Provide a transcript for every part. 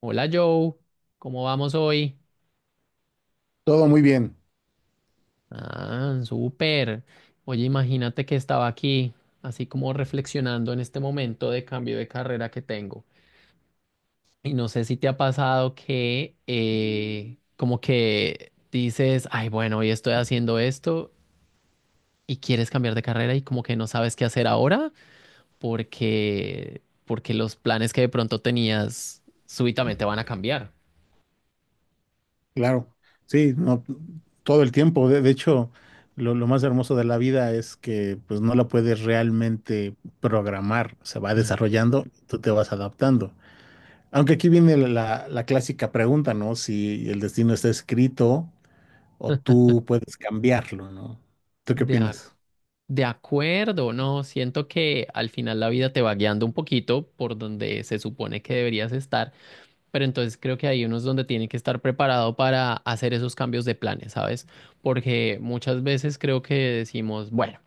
Hola Joe, ¿cómo vamos hoy? Todo muy bien, Ah, súper. Oye, imagínate que estaba aquí, así como reflexionando en este momento de cambio de carrera que tengo. Y no sé si te ha pasado que como que dices, ay, bueno, hoy estoy haciendo esto y quieres cambiar de carrera y como que no sabes qué hacer ahora porque, porque los planes que de pronto tenías súbitamente van a cambiar. claro. Sí, no, todo el tiempo. De hecho, lo más hermoso de la vida es que pues no la puedes realmente programar. Se va Mm. desarrollando, tú te vas adaptando. Aunque aquí viene clásica pregunta, ¿no? Si el destino está escrito o tú puedes cambiarlo, ¿no? ¿Tú qué De ac- opinas? De acuerdo, no, siento que al final la vida te va guiando un poquito por donde se supone que deberías estar, pero entonces creo que hay unos donde tiene que estar preparado para hacer esos cambios de planes, ¿sabes? Porque muchas veces creo que decimos, bueno,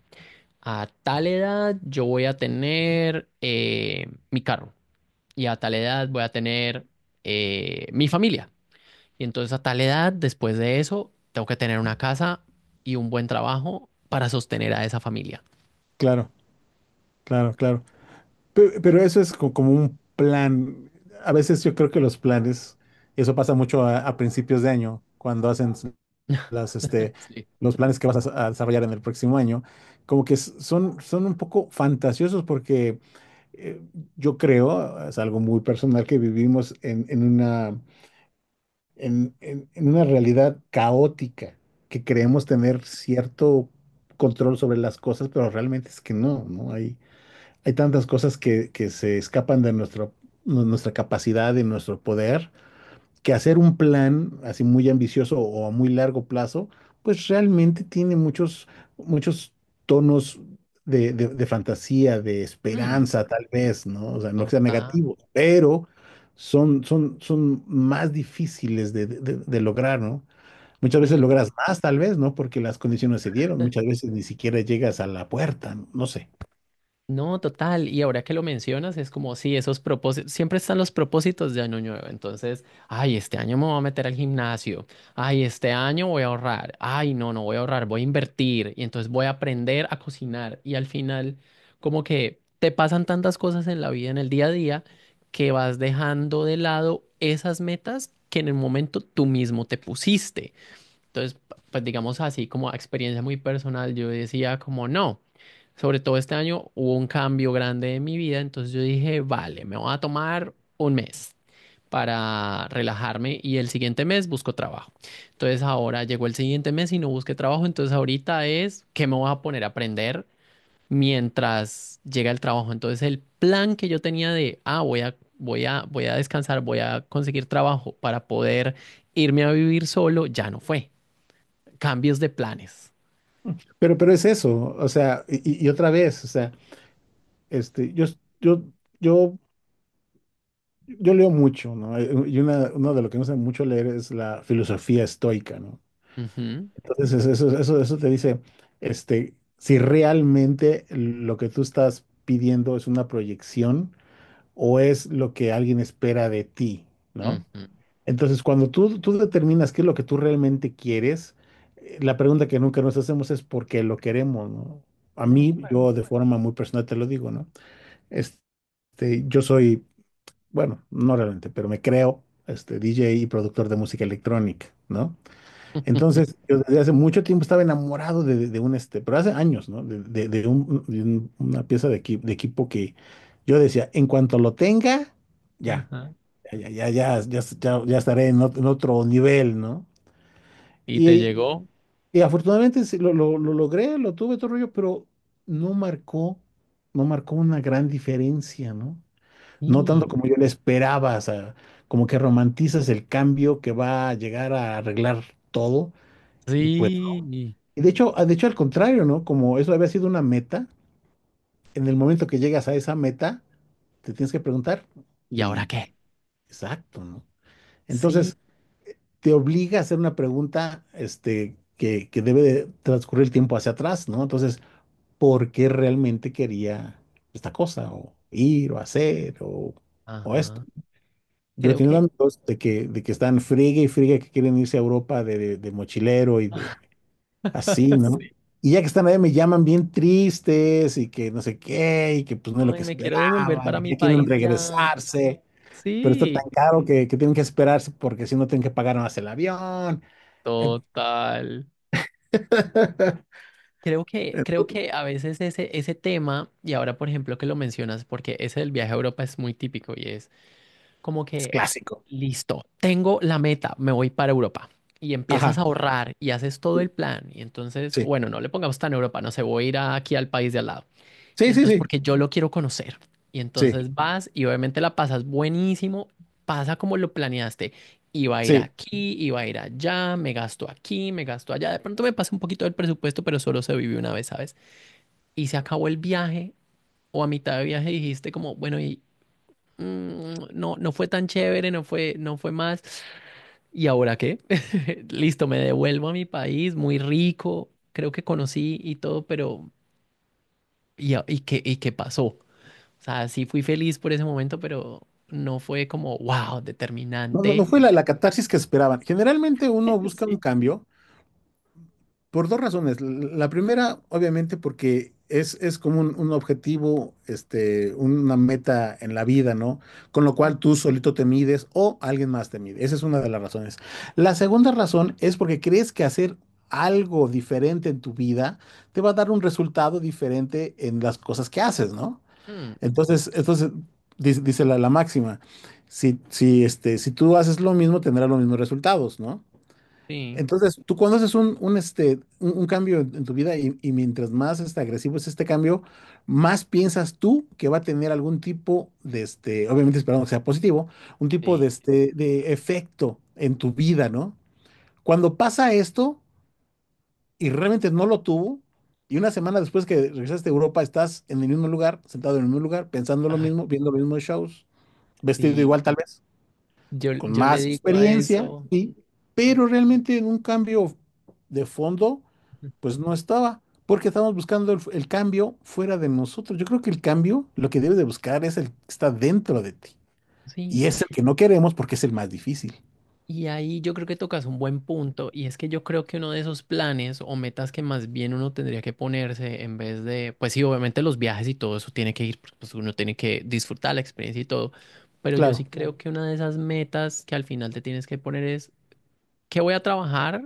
a tal edad yo voy a tener mi carro y a tal edad voy a tener mi familia. Y entonces a tal edad, después de eso, tengo que tener una casa y un buen trabajo para sostener a esa familia. Claro, claro, claro. Pero, eso es como un plan. A veces yo creo que los planes, eso pasa mucho a principios de año, cuando hacen las, este, Sí. los planes que vas a desarrollar en el próximo año, como que son un poco fantasiosos porque eh, yo creo, es algo muy personal, que vivimos en una realidad caótica, que creemos tener cierto control sobre las cosas, pero realmente es que no, ¿no? Hay tantas cosas que se escapan de nuestra capacidad y nuestro poder que hacer un plan así muy ambicioso o a muy largo plazo, pues realmente tiene muchos, muchos tonos de fantasía, de Ujú, esperanza, tal vez, ¿no? O sea, no que sean total. negativos, pero son más difíciles de lograr, ¿no? Muchas veces Sí, logras más, tal vez, ¿no? Porque las condiciones se dieron. Muchas veces ni siquiera llegas a la puerta, no. No sé. no, total. Y ahora que lo mencionas, es como si esos propósitos, siempre están los propósitos de año nuevo. Entonces, ay, este año me voy a meter al gimnasio. Ay, este año voy a ahorrar. Ay, no, no voy a ahorrar, voy a invertir. Y entonces voy a aprender a cocinar. Y al final, como que te pasan tantas cosas en la vida, en el día a día, que vas dejando de lado esas metas que en el momento tú mismo te pusiste. Entonces, pues digamos así, como a experiencia muy personal, yo decía como no, sobre todo este año hubo un cambio grande en mi vida, entonces yo dije, vale, me voy a tomar un mes para relajarme y el siguiente mes busco trabajo. Entonces ahora llegó el siguiente mes y no busqué trabajo, entonces ahorita es que me voy a poner a aprender mientras llega el trabajo. Entonces el plan que yo tenía de, ah, voy a descansar, voy a conseguir trabajo para poder irme a vivir solo, ya no fue cambios de planes. Pero es eso, o sea, y otra vez, o sea, este, yo, yo, yo yo leo mucho, ¿no? Y uno de lo que me gusta mucho leer es la filosofía estoica, ¿no? Ujú, Entonces, eso te dice, si realmente lo que tú estás pidiendo es una proyección o es lo que alguien espera de ti, ¿no? ujú. Entonces, cuando tú determinas qué es lo que tú realmente quieres, la pregunta que nunca nos hacemos es por qué lo queremos, ¿no? A De- mí, yo de forma muy personal te lo digo, ¿no? Yo soy bueno, no realmente, pero me creo este DJ y productor de música electrónica, ¿no? Entonces, yo desde hace mucho tiempo estaba enamorado de un, pero hace años, ¿no? una pieza de equipo que yo decía, en cuanto lo tenga, ya, Ajá. ya, ya, ya, ya, ya estaré en otro nivel, ¿no? ¿Y te Y, llegó? y afortunadamente sí, lo logré, lo tuve todo el rollo, pero no marcó, no marcó una gran diferencia, ¿no? No tanto Sí. como yo le esperaba, o sea, como que romantizas el cambio que va a llegar a arreglar todo y pues, Sí. y de hecho, al contrario, ¿no? Como eso había sido una meta, en el momento que llegas a esa meta, te tienes que preguntar ¿Y ahora y qué? exacto, ¿no? Sí. Entonces, te obliga a hacer una pregunta, que debe de transcurrir el tiempo hacia atrás, ¿no? Entonces, ¿por qué realmente quería esta cosa o ir o hacer o esto? Ajá. Yo he Creo tenido que amigos de que están friegue y friegue que quieren irse a Europa de mochilero y de así, ¿no? Sí. Y ya que están allá me llaman bien tristes y que no sé qué, y que pues no es lo Ay, que me quiero devolver esperaban, para y que mi ya quieren país ya. regresarse, pero está Sí. tan caro que tienen que esperarse porque si no tienen que pagar más el avión. Eh, Total. Creo que a veces ese, tema, y ahora por ejemplo que lo mencionas, porque ese del viaje a Europa es muy típico y es como Es que, clásico. listo, tengo la meta, me voy para Europa. Y empiezas a Ajá. ahorrar y haces todo el plan. Y entonces, Sí, bueno, no le pongamos tan Europa, no sé, voy a ir aquí al país de al lado. Y sí, sí, sí, entonces, sí, porque yo lo quiero conocer. Y sí. entonces vas y obviamente la pasas buenísimo, pasa como lo planeaste. Iba a ir Sí. aquí, iba a ir allá, me gasto aquí, me gasto allá. De pronto me pasa un poquito del presupuesto, pero solo se vive una vez, ¿sabes? Y se acabó el viaje o a mitad de viaje dijiste como, bueno, ¿y, no, no fue tan chévere, no fue más. ¿Y ahora qué? Listo, me devuelvo a mi país, muy rico, creo que conocí y todo, pero ¿y, y qué pasó? O sea, sí fui feliz por ese momento, pero no fue como, wow, No, no, no determinante. fue la catarsis que esperaban. Generalmente uno busca un Sí. cambio por dos razones. La primera, obviamente, porque es como un objetivo, una meta en la vida, ¿no? Con lo Mm, cual tú solito te mides o alguien más te mide. Esa es una de las razones. La segunda razón es porque crees que hacer algo diferente en tu vida te va a dar un resultado diferente en las cosas que haces, ¿no? mm, Entonces, entonces dice la máxima, si tú haces lo mismo, tendrás los mismos resultados, ¿no? sí, Entonces, tú cuando haces un cambio en tu vida y mientras más agresivo es este cambio, más piensas tú que va a tener algún tipo obviamente esperamos que sea positivo, un tipo sí. de, de efecto en tu vida, ¿no? Cuando pasa esto y realmente no lo tuvo, y una semana después que regresaste a Europa, estás en el mismo lugar, sentado en el mismo lugar, pensando lo Ay, mismo, viendo los mismos shows, vestido igual sí. tal vez, Yo, con yo le más digo a experiencia, eso. sí, Ah, pero realmente en un cambio de fondo pues no estaba, porque estamos buscando el cambio fuera de nosotros. Yo creo que el cambio lo que debes de buscar es el que está dentro de ti. Y sí. es el que no queremos porque es el más difícil. Y ahí yo creo que tocas un buen punto, y es que yo creo que uno de esos planes o metas que más bien uno tendría que ponerse en vez de, pues sí, obviamente los viajes y todo eso tiene que ir, porque, pues uno tiene que disfrutar la experiencia y todo, pero yo sí Claro, creo. Claro. Que una de esas metas que al final te tienes que poner es ¿qué voy a trabajar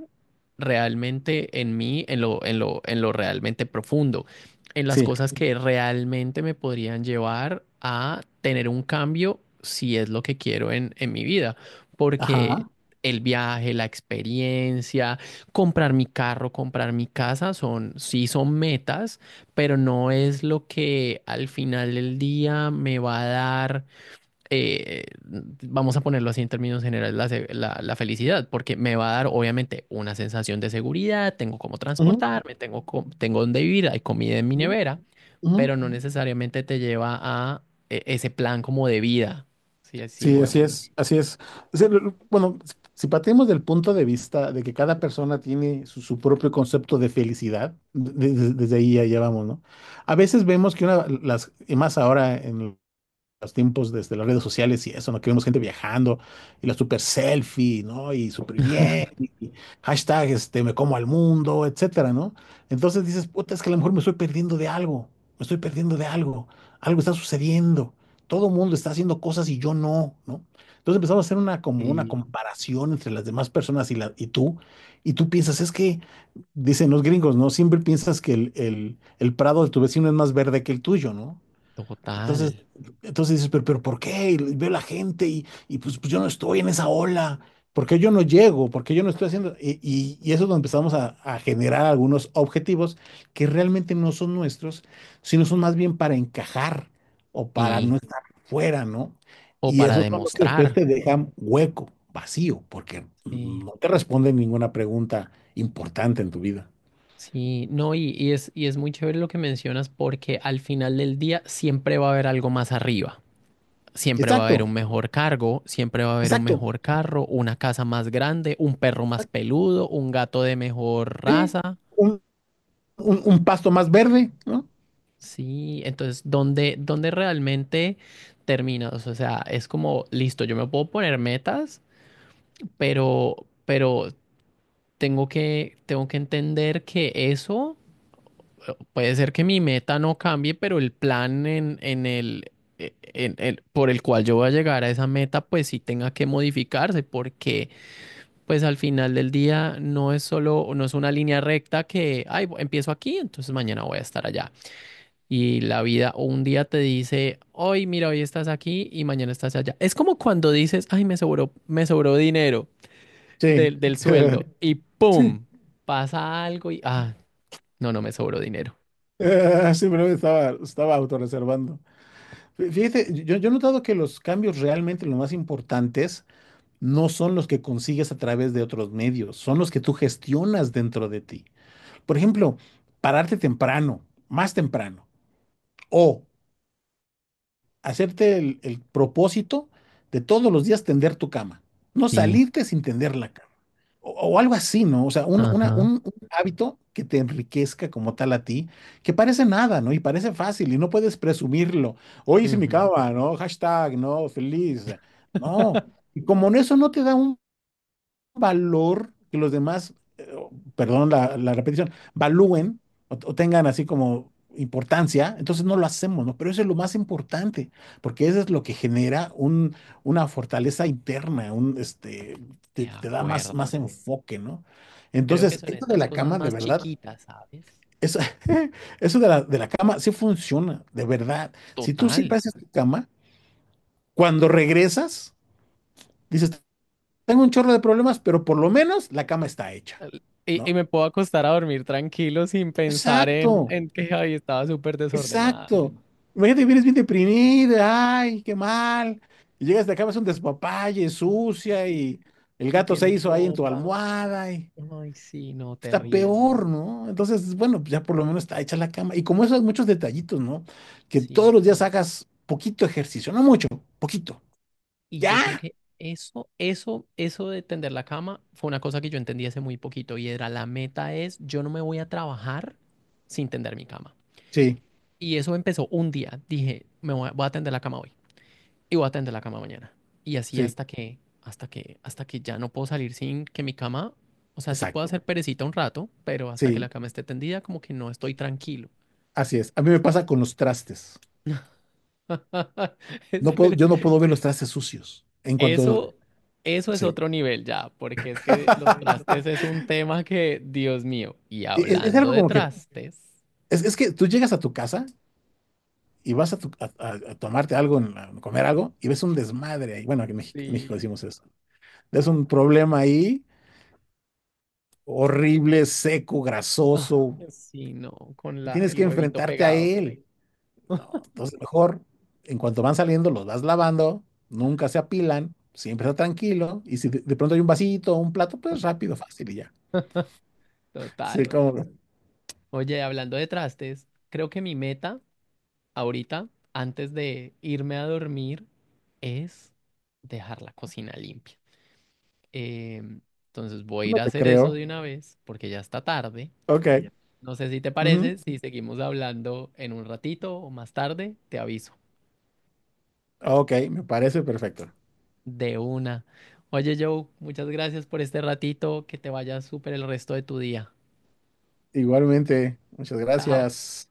realmente en mí, en lo, en lo realmente profundo? En las sí. cosas que realmente me podrían llevar a tener un cambio si es lo que quiero en mi vida. Porque Ajá. el viaje, la experiencia, comprar mi carro, comprar mi casa, son, sí son metas, pero no es lo que al final del día me va a dar eh, vamos a ponerlo así en términos generales, la, la felicidad, porque me va a dar obviamente una sensación de seguridad, tengo cómo Ujú, transportarme, tengo dónde vivir, hay comida en mi ujú, nevera, ujú. pero no necesariamente te lleva a ese plan como de vida, si así lo Sí, así vemos. es, así es. O sea, bueno, si partimos del punto de vista de que cada persona tiene su propio concepto de felicidad, desde ahí ya, ya vamos, ¿no? A veces vemos que una, las, y más ahora en los tiempos desde las redes sociales y eso, ¿no? Que vemos gente viajando y la super selfie, ¿no? Y súper bien, y hashtag, me como al mundo, etcétera, ¿no? Entonces dices, puta, es que a lo mejor me estoy perdiendo de algo, me estoy perdiendo de algo, algo está sucediendo, todo el mundo está haciendo cosas y yo no, ¿no? Entonces empezamos a hacer una, como una Y comparación entre las demás personas y, y tú piensas, es que, dicen los gringos, ¿no? Siempre piensas que el, el prado de tu vecino es más verde que el tuyo, ¿no? Total. Entonces, entonces dices, pero ¿por qué? Y veo la gente y pues, pues yo no estoy en esa ola. ¿Por qué yo no llego? ¿Por qué yo no estoy haciendo? Y eso es donde empezamos a generar algunos objetivos que realmente no son nuestros, sino son más bien para encajar o para no Y, estar fuera, ¿no? o Y para esos son los que después demostrar. te dejan hueco, vacío, porque Sí, no te responden ninguna pregunta importante en tu vida. sí, no, y es, y es, muy chévere lo que mencionas porque al final del día siempre va a haber algo más arriba. Siempre va a haber Exacto, un mejor cargo, siempre va a haber un exacto, mejor carro, una casa más grande, un perro más exacto. peludo, un gato de mejor Sí, raza. un, un pasto más verde, ¿no? Sí, entonces, ¿dónde, realmente terminas? O sea, es como, listo, yo me puedo poner metas, pero, pero, tengo que entender que eso puede ser que mi meta no cambie, pero el plan en el por el cual yo voy a llegar a esa meta, pues sí tenga que modificarse, porque pues al final del día no es solo, no es una línea recta que, ay, empiezo aquí, entonces mañana voy a estar allá. Y la vida o un día te dice, hoy, mira, hoy estás aquí y mañana estás allá. Es como cuando dices, ay, me sobró, dinero Sí, del, del sueldo y sí, ¡pum! Pasa algo y, ah, no, no me sobró dinero. siempre estaba autorreservando. Fíjate, yo he notado que los cambios realmente los más importantes no son los que consigues a través de otros medios, son los que tú gestionas dentro de ti. Por ejemplo, pararte temprano, más temprano, o hacerte el propósito de todos los días tender tu cama, no Sí, salirte sin tender la cama. O algo así, ¿no? O sea, un, una- ajá. un- un hábito que te enriquezca como tal a ti, que parece nada, ¿no? Y parece fácil y no puedes presumirlo. Hoy hice mi Ujú. cama, ¿no? Hashtag, ¿no? Feliz. No. Y como en eso no te da un valor que los demás, perdón la repetición, valúen o tengan así como importancia, entonces no lo hacemos, ¿no? Pero eso es lo más importante, porque eso es lo que genera una fortaleza interna, De te da más, acuerdo. más enfoque, ¿no? Creo que Entonces, son eso de esas la cosas cama, de más verdad, chiquitas, ¿sabes? eso, eso de la cama sí funciona, de verdad. Si tú Total. siempre haces tu cama, cuando regresas, dices, tengo un chorro de problemas, pero por lo menos la cama está hecha. Y ¿No? me puedo acostar a dormir tranquilo sin pensar Exacto, en que ay, estaba súper desordenada. exacto. Imagínate, vienes bien deprimida, ay, qué mal. Y llegas de acá, vas un despapalle, Ay, sucia, sí. y el Y gato se tienes hizo ahí en tu ropa. almohada, y Ay, sí, no, está terrible. peor, ¿no? Entonces, bueno, pues ya por lo menos está hecha la cama. Y como esos muchos detallitos, ¿no? Que Sí. todos los días hagas poquito ejercicio, no mucho, poquito. Y yo creo Ya. que eso, de tender la cama fue una cosa que yo entendí hace muy poquito y era la meta es, yo no me voy a trabajar sin tender mi cama. Sí, Y eso empezó un día. Dije, me voy a, tender la cama hoy. Y voy a tender la cama mañana. Y así sí, hasta que ya no puedo salir sin que mi cama, o sea, sí puedo exacto. hacer perecita un rato, pero hasta que la Sí, cama esté tendida, como que no estoy tranquilo. así es. A mí me pasa con los trastes. Es No puedo, yo no puedo ver los trastes sucios. En cuanto, Eso, eso es sí. otro nivel ya, porque es que los trastes es un tema que, Dios mío, y es hablando algo de como que, trastes, es que tú llegas a tu casa y vas a, a tomarte algo, comer algo, y ves un desmadre ahí. Bueno, aquí en México sí, decimos eso. Ves un problema ahí, horrible, seco, ah, grasoso, sí, no, con y la, tienes el que huevito enfrentarte a pegado, él. No, entonces mejor, en cuanto van saliendo, los vas lavando, nunca se apilan, siempre está tranquilo, y si de, de pronto hay un vasito o un plato, pues rápido, fácil y ya. Sí, total. como, Oye, hablando de trastes, creo que mi meta ahorita, antes de irme a dormir, es dejar la cocina limpia. Em, entonces voy a no ir a te hacer eso creo. de una vez porque ya está tarde. Ok. No sé si te Ujú, parece, si seguimos hablando en un ratito o más tarde, te aviso. ok, me parece perfecto. De una. Oye, Joe, muchas gracias por este ratito. Que te vaya súper el resto de tu día. Igualmente, muchas Chao. gracias.